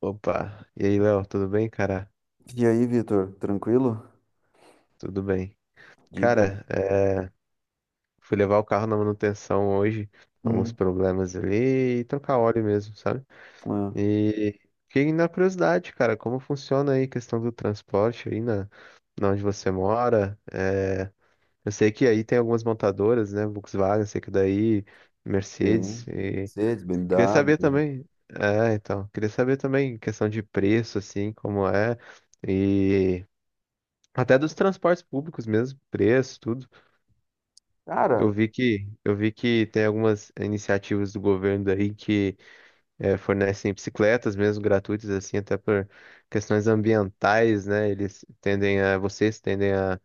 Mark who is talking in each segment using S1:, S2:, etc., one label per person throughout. S1: Opa, e aí, Léo, tudo bem, cara?
S2: E aí, Vitor, tranquilo?
S1: Tudo bem.
S2: Diga.
S1: Cara, é, fui levar o carro na manutenção hoje, alguns
S2: Hum,
S1: problemas ali, e trocar óleo mesmo, sabe?
S2: é,
S1: E fiquei na curiosidade, cara, como funciona aí a questão do transporte na onde você mora? Eu sei que aí tem algumas montadoras, né? Volkswagen, sei que daí, Mercedes,
S2: tem.
S1: e
S2: Mercedes,
S1: queria saber
S2: BMW.
S1: também. Então, queria saber também questão de preço, assim, como é. E até dos transportes públicos mesmo, preço, tudo.
S2: Cara,
S1: Eu vi que tem algumas iniciativas do governo aí que fornecem bicicletas mesmo gratuitas assim, até por questões ambientais, né? Eles tendem a vocês tendem a,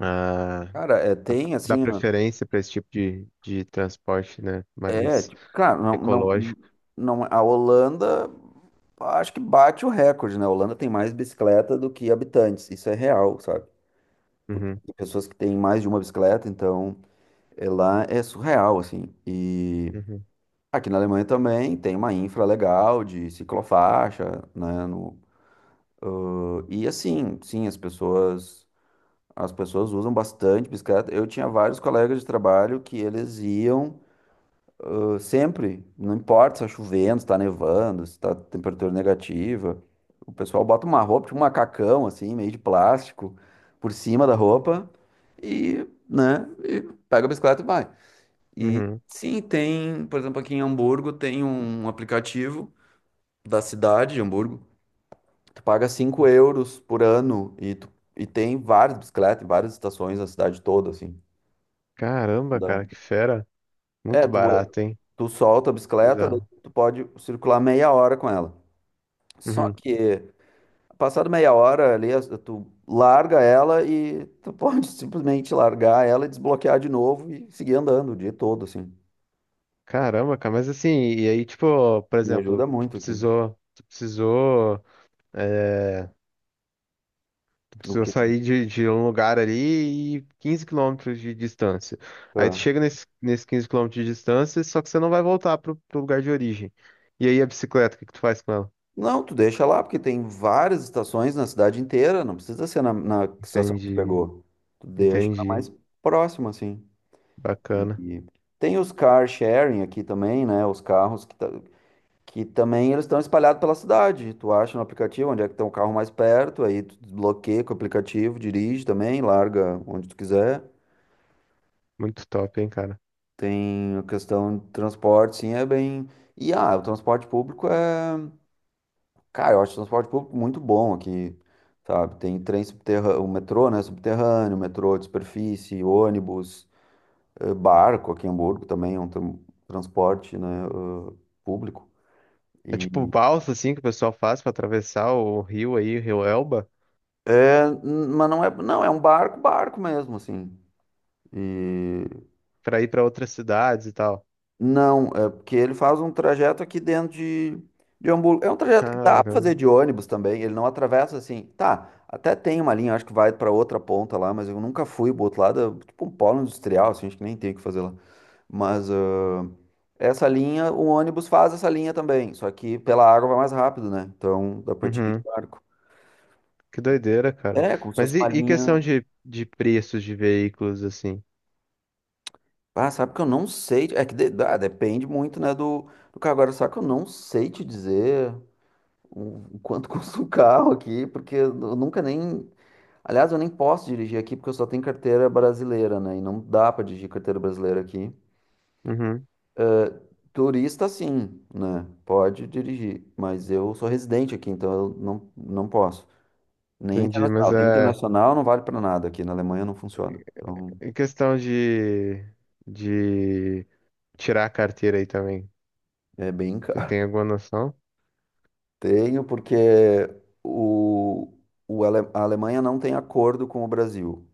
S1: a
S2: cara, é, tem
S1: dar
S2: assim, ó,
S1: preferência para esse tipo de transporte, né?
S2: é,
S1: Mais
S2: tipo, cara, não, não,
S1: ecológico.
S2: não, a Holanda acho que bate o recorde, né? A Holanda tem mais bicicleta do que habitantes, isso é real, sabe? Porque
S1: Uhum,
S2: tem pessoas que têm mais de uma bicicleta, então é lá é surreal, assim. E
S1: uhum,
S2: aqui na Alemanha também tem uma infra legal de ciclofaixa, né? E assim, sim, as pessoas. As pessoas usam bastante bicicleta. Eu tinha vários colegas de trabalho que eles iam sempre, não importa se está chovendo, se está nevando, se está temperatura negativa. O pessoal bota uma roupa, tipo um macacão, assim, meio de plástico, por cima da roupa e, né, e pega a bicicleta e vai. E
S1: uhum.
S2: sim, tem, por exemplo, aqui em Hamburgo tem um aplicativo da cidade de Hamburgo. Tu paga 5 € por ano e, tu, e tem várias bicicletas em várias estações na cidade toda, assim.
S1: Caramba,
S2: Dá.
S1: cara, que fera!
S2: É,
S1: Muito
S2: tu,
S1: barato, hein?
S2: tu solta a bicicleta, daí
S1: Bizarro.
S2: tu pode circular meia hora com ela. Só
S1: Uhum.
S2: que, passado meia hora ali, tu larga ela e tu pode simplesmente largar ela e desbloquear de novo e seguir andando o dia todo, assim.
S1: Caramba, cara, mas assim, e aí, tipo, por
S2: Me
S1: exemplo,
S2: ajuda muito aqui.
S1: é, tu
S2: O
S1: precisou
S2: que?
S1: sair de um lugar ali e 15 km de distância. Aí tu
S2: Tá.
S1: chega nesse 15 km de distância, só que você não vai voltar pro lugar de origem. E aí a bicicleta, o que que tu faz com ela?
S2: Não, tu deixa lá, porque tem várias estações na cidade inteira, não precisa ser na, na estação que tu
S1: Entendi,
S2: pegou. Tu deixa na
S1: entendi.
S2: mais próxima, assim.
S1: Bacana.
S2: E tem os car sharing aqui também, né? Os carros que tá. Que também eles estão espalhados pela cidade. Tu acha no aplicativo onde é que tem o carro mais perto, aí tu desbloqueia com o aplicativo, dirige também, larga onde tu quiser.
S1: Muito top, hein, cara.
S2: Tem a questão de transporte, sim, é bem. E ah, o transporte público é. Cara, eu acho o transporte público muito bom aqui, sabe? Tem trem subterrâneo, o metrô, né? Subterrâneo, metrô de superfície, ônibus, barco aqui em Hamburgo também é um transporte, né? Público.
S1: É tipo
S2: E...
S1: balsa, assim, que o pessoal faz pra atravessar o rio aí, o rio Elba,
S2: É, mas não é. Não, é um barco, barco mesmo, assim. E
S1: pra ir pra outras cidades e tal.
S2: não, é porque ele faz um trajeto aqui dentro de Hamburgo. É um trajeto que dá pra fazer
S1: Caramba.
S2: de ônibus também. Ele não atravessa assim. Tá, até tem uma linha, acho que vai pra outra ponta lá, mas eu nunca fui pro outro lado. É tipo um polo industrial, assim, acho que nem tem o que fazer lá. Mas ah, essa linha, o ônibus faz essa linha também. Só que pela água vai mais rápido, né? Então dá pra te ir de
S1: Uhum.
S2: barco.
S1: Que doideira, cara.
S2: É, como se fosse
S1: Mas e,
S2: uma
S1: e questão
S2: linha.
S1: de preços de veículos, assim?
S2: Ah, sabe que eu não sei. É que depende muito, né, do, do cargo. Agora, só que eu não sei te dizer. O quanto custa o carro aqui, porque eu nunca nem. Aliás, eu nem posso dirigir aqui porque eu só tenho carteira brasileira, né? E não dá para dirigir carteira brasileira aqui.
S1: Uhum,
S2: Turista, sim, né? Pode dirigir, mas eu sou residente aqui, então eu não, não posso. Nem
S1: entendi. Mas
S2: internacional. Tem
S1: é
S2: internacional, não vale para nada aqui. Na Alemanha não funciona. Então,
S1: em questão de tirar a carteira aí também.
S2: é bem
S1: Você
S2: caro.
S1: tem alguma noção?
S2: Tenho porque o, a Alemanha não tem acordo com o Brasil.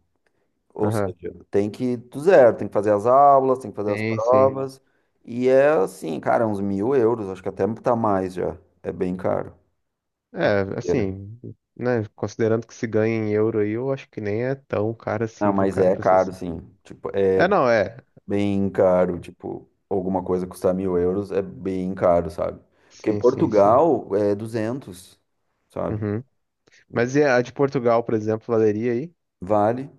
S2: Ou
S1: Aham.
S2: seja, tem que ir do zero, tem que fazer as aulas, tem que fazer as
S1: Tem, sim.
S2: provas. E é assim, cara, uns mil euros, acho que até tá mais já. É bem caro a
S1: É,
S2: carteira.
S1: assim, né? Considerando que se ganha em euro aí, eu acho que nem é tão caro
S2: Ah,
S1: assim, viu,
S2: mas
S1: cara,
S2: é
S1: pra ser
S2: caro, sim.
S1: sincero.
S2: Tipo, é
S1: É, não, é.
S2: bem caro.
S1: Tipo,
S2: Tipo, alguma coisa custar 1.000 € é bem caro, sabe? Porque em
S1: sim, sim, sim.
S2: Portugal é 200, sabe?
S1: Uhum. Mas e a de Portugal, por exemplo, valeria aí?
S2: Vale.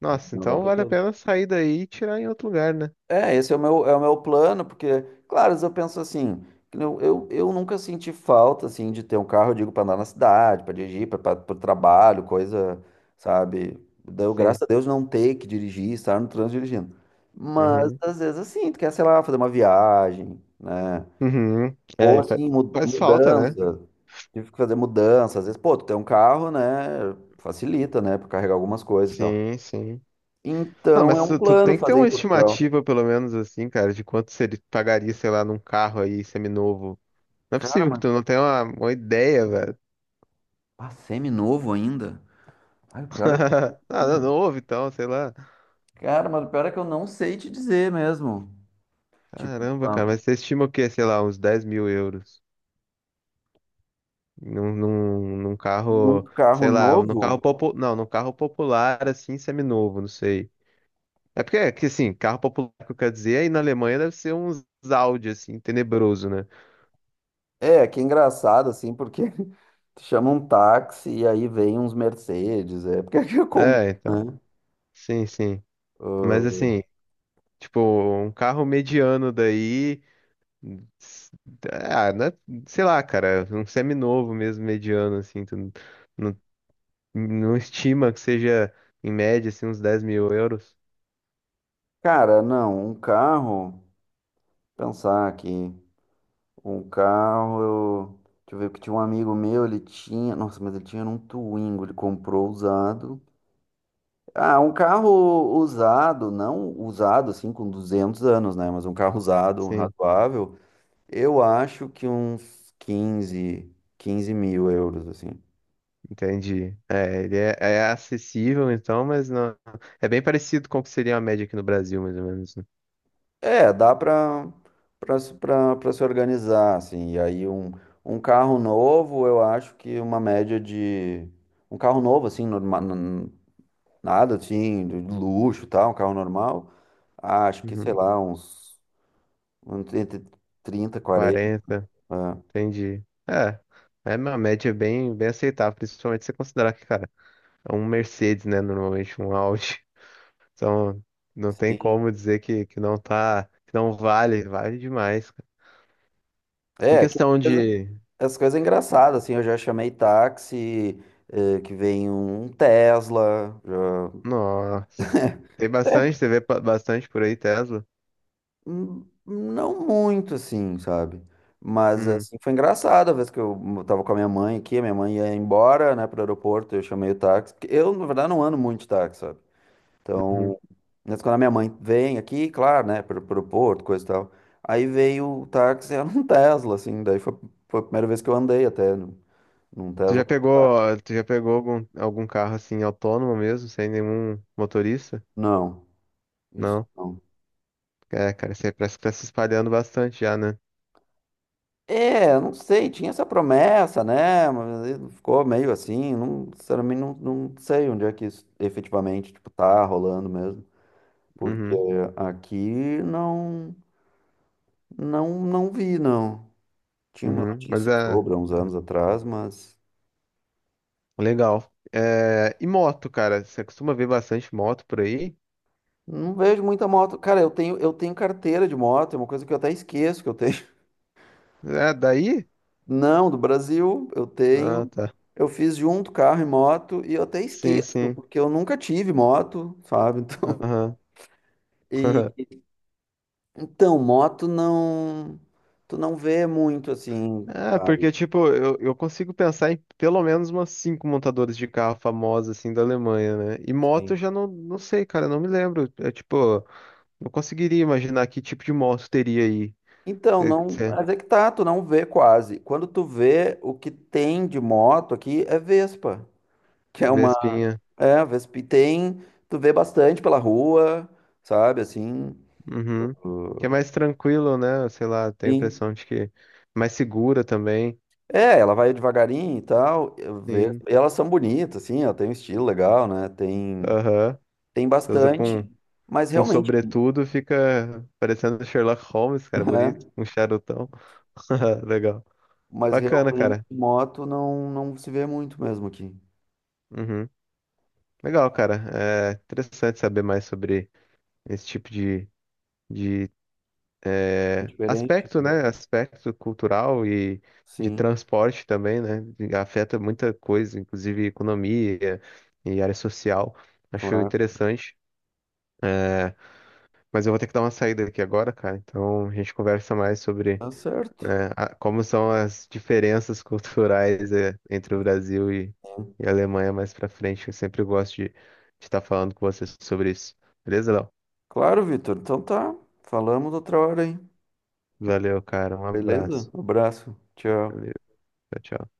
S1: Nossa,
S2: Na
S1: então
S2: Europa
S1: vale a
S2: toda.
S1: pena sair daí e tirar em outro lugar, né?
S2: É, esse é o meu plano, porque, claro, às vezes eu penso assim, que eu nunca senti falta, assim, de ter um carro, eu digo, para andar na cidade, para dirigir, para o trabalho, coisa, sabe? Deu, graças
S1: Sim.
S2: a Deus não ter que dirigir, estar no trânsito dirigindo. Mas,
S1: Uhum.
S2: às vezes, assim, tu quer, sei lá, fazer uma viagem, né?
S1: Uhum. É,
S2: Ou, assim,
S1: faz falta, né?
S2: mudança. Tive que fazer mudança. Às vezes, pô, tu tem um carro, né? Facilita, né? Pra carregar algumas coisas e tal.
S1: Sim, sim. Não,
S2: Então, é
S1: mas
S2: um
S1: tu
S2: plano
S1: tem que ter
S2: fazer em
S1: uma
S2: Portugal.
S1: estimativa, pelo menos assim, cara, de quanto se ele pagaria, sei lá, num carro aí seminovo. Não é
S2: Cara,
S1: possível que
S2: mas
S1: tu não tenha uma ideia, velho.
S2: Semi-novo ainda? Ai, o pior é que...
S1: Ah, não, novo então, sei lá.
S2: Cara, mas o pior é que eu não sei te dizer mesmo. Tipo,
S1: Caramba, cara, mas você estima o quê? Sei lá, uns 10 mil euros. Num
S2: num
S1: carro,
S2: carro
S1: sei lá, num carro
S2: novo?
S1: popular. Não, num carro popular, assim, seminovo, não sei. É que assim, carro popular que eu quero dizer, aí na Alemanha deve ser uns Audi, assim, tenebroso, né?
S2: É, que é engraçado, assim, porque tu chama um táxi e aí vem uns Mercedes, é, porque aqui é comum,
S1: É, então.
S2: né?
S1: Sim, sim. Mas
S2: Ah,
S1: assim, tipo, um carro mediano daí. s- Ah, né? Sei lá, cara, um seminovo mesmo, mediano, assim. Tu n- não, não estima que seja, em média, assim, uns 10 mil euros.
S2: cara, não, um carro, pensar aqui, um carro, eu, deixa eu ver, que tinha um amigo meu, ele tinha, nossa, mas ele tinha um Twingo, ele comprou usado, ah, um carro usado, não usado assim com 200 anos, né? Mas um carro usado, um
S1: Sim,
S2: razoável, eu acho que uns 15, 15 mil euros, assim.
S1: entendi. É, é acessível, então, mas não. É bem parecido com o que seria a média aqui no Brasil, mais ou menos, né?
S2: É, dá pra se organizar, assim. E aí um carro novo, eu acho que uma média de... Um carro novo, assim, norma, nada assim, de luxo e tal, um carro normal, acho que, sei
S1: Uhum.
S2: lá, uns entre 30, 40.
S1: 40.
S2: É,
S1: Entendi. É, é uma média bem, bem aceitável, principalmente se você considerar que, cara, é um Mercedes, né? Normalmente um Audi. Então, não tem
S2: sim.
S1: como dizer que, que não vale, vale demais, cara. Em
S2: É, que as
S1: questão
S2: coisas
S1: de.
S2: as coisas engraçadas, assim, eu já chamei táxi, que vem um Tesla,
S1: Nossa. Tem
S2: é,
S1: bastante, você vê bastante por aí, Tesla.
S2: não muito, assim, sabe? Mas,
S1: Uhum,
S2: assim, foi engraçado a vez que eu tava com a minha mãe aqui, a minha mãe ia embora, né, pro aeroporto, eu chamei o táxi, porque eu, na verdade, não ando muito de táxi, sabe?
S1: uhum.
S2: Então, mas quando a minha mãe vem aqui, claro, né, pro, pro aeroporto, coisa e tal, aí veio o táxi, era um Tesla, assim, daí foi, foi a primeira vez que eu andei até num num
S1: Tu
S2: Tesla,
S1: já pegou, tu já pegou algum, algum carro assim autônomo mesmo, sem nenhum motorista?
S2: não. Isso
S1: Não.
S2: não.
S1: É, cara, isso aí parece que tá se espalhando bastante já, né?
S2: É, eu não sei, tinha essa promessa, né? Mas aí ficou meio assim, não, sinceramente não, não sei onde é que isso efetivamente, tipo, tá rolando mesmo, porque
S1: Uhum,
S2: aqui não, não, não vi, não. Tinha uma
S1: uhum. Mas
S2: notícia
S1: é.
S2: sobre há uns anos atrás, mas
S1: Legal. É, e moto, cara? Você costuma ver bastante moto por aí?
S2: não vejo muita moto. Cara, eu tenho carteira de moto, é uma coisa que eu até esqueço que eu tenho.
S1: É, daí?
S2: Não, do Brasil, eu
S1: Ah,
S2: tenho.
S1: tá.
S2: Eu fiz junto carro e moto e eu até
S1: Sim,
S2: esqueço,
S1: sim.
S2: porque eu nunca tive moto, sabe?
S1: Aham.
S2: E então, moto não, tu não vê muito assim,
S1: Ah,
S2: sabe?
S1: porque, tipo, eu consigo pensar em pelo menos umas 5 montadoras de carro famosas, assim, da Alemanha, né? E moto eu
S2: Sim.
S1: já não sei, cara, não me lembro. É, tipo, não conseguiria imaginar que tipo de moto teria aí.
S2: Então,
S1: Eh,
S2: não,
S1: eh,
S2: mas é que tá, tu não vê quase. Quando tu vê o que tem de moto aqui é Vespa, que é uma,
S1: Vespinha.
S2: é, Vespa e tem, tu vê bastante pela rua, sabe, assim.
S1: Uhum. Que é mais tranquilo, né? Sei lá, tenho a
S2: Sim.
S1: impressão de que mais segura também.
S2: É, ela vai devagarinho e tal,
S1: Sim.
S2: e elas são bonitas, assim, ela tem um estilo legal, né? Tem,
S1: Aham.
S2: tem
S1: Você usa
S2: bastante, mas
S1: com
S2: realmente,
S1: sobretudo, fica parecendo Sherlock Holmes, cara,
S2: né?
S1: bonito. Um charutão. Legal.
S2: Mas
S1: Bacana,
S2: realmente
S1: cara.
S2: moto não, não se vê muito mesmo aqui.
S1: Uhum. Legal, cara. É interessante saber mais sobre esse tipo de, de
S2: É
S1: é,
S2: diferente.
S1: aspecto, né? Aspecto cultural e de
S2: Sim,
S1: transporte também, né? E afeta muita coisa, inclusive economia e área social. Acho
S2: claro.
S1: interessante. É, mas eu vou ter que dar uma saída aqui agora, cara. Então a gente conversa mais sobre.
S2: Tá certo.
S1: Como são as diferenças culturais entre o Brasil e a Alemanha mais pra frente. Eu sempre gosto de estar falando com vocês sobre isso. Beleza, Léo?
S2: Claro, Vitor. Então tá. Falamos outra hora, hein?
S1: Valeu, cara. Um
S2: Beleza?
S1: abraço.
S2: Abraço. Tchau.
S1: Valeu. Tchau, tchau.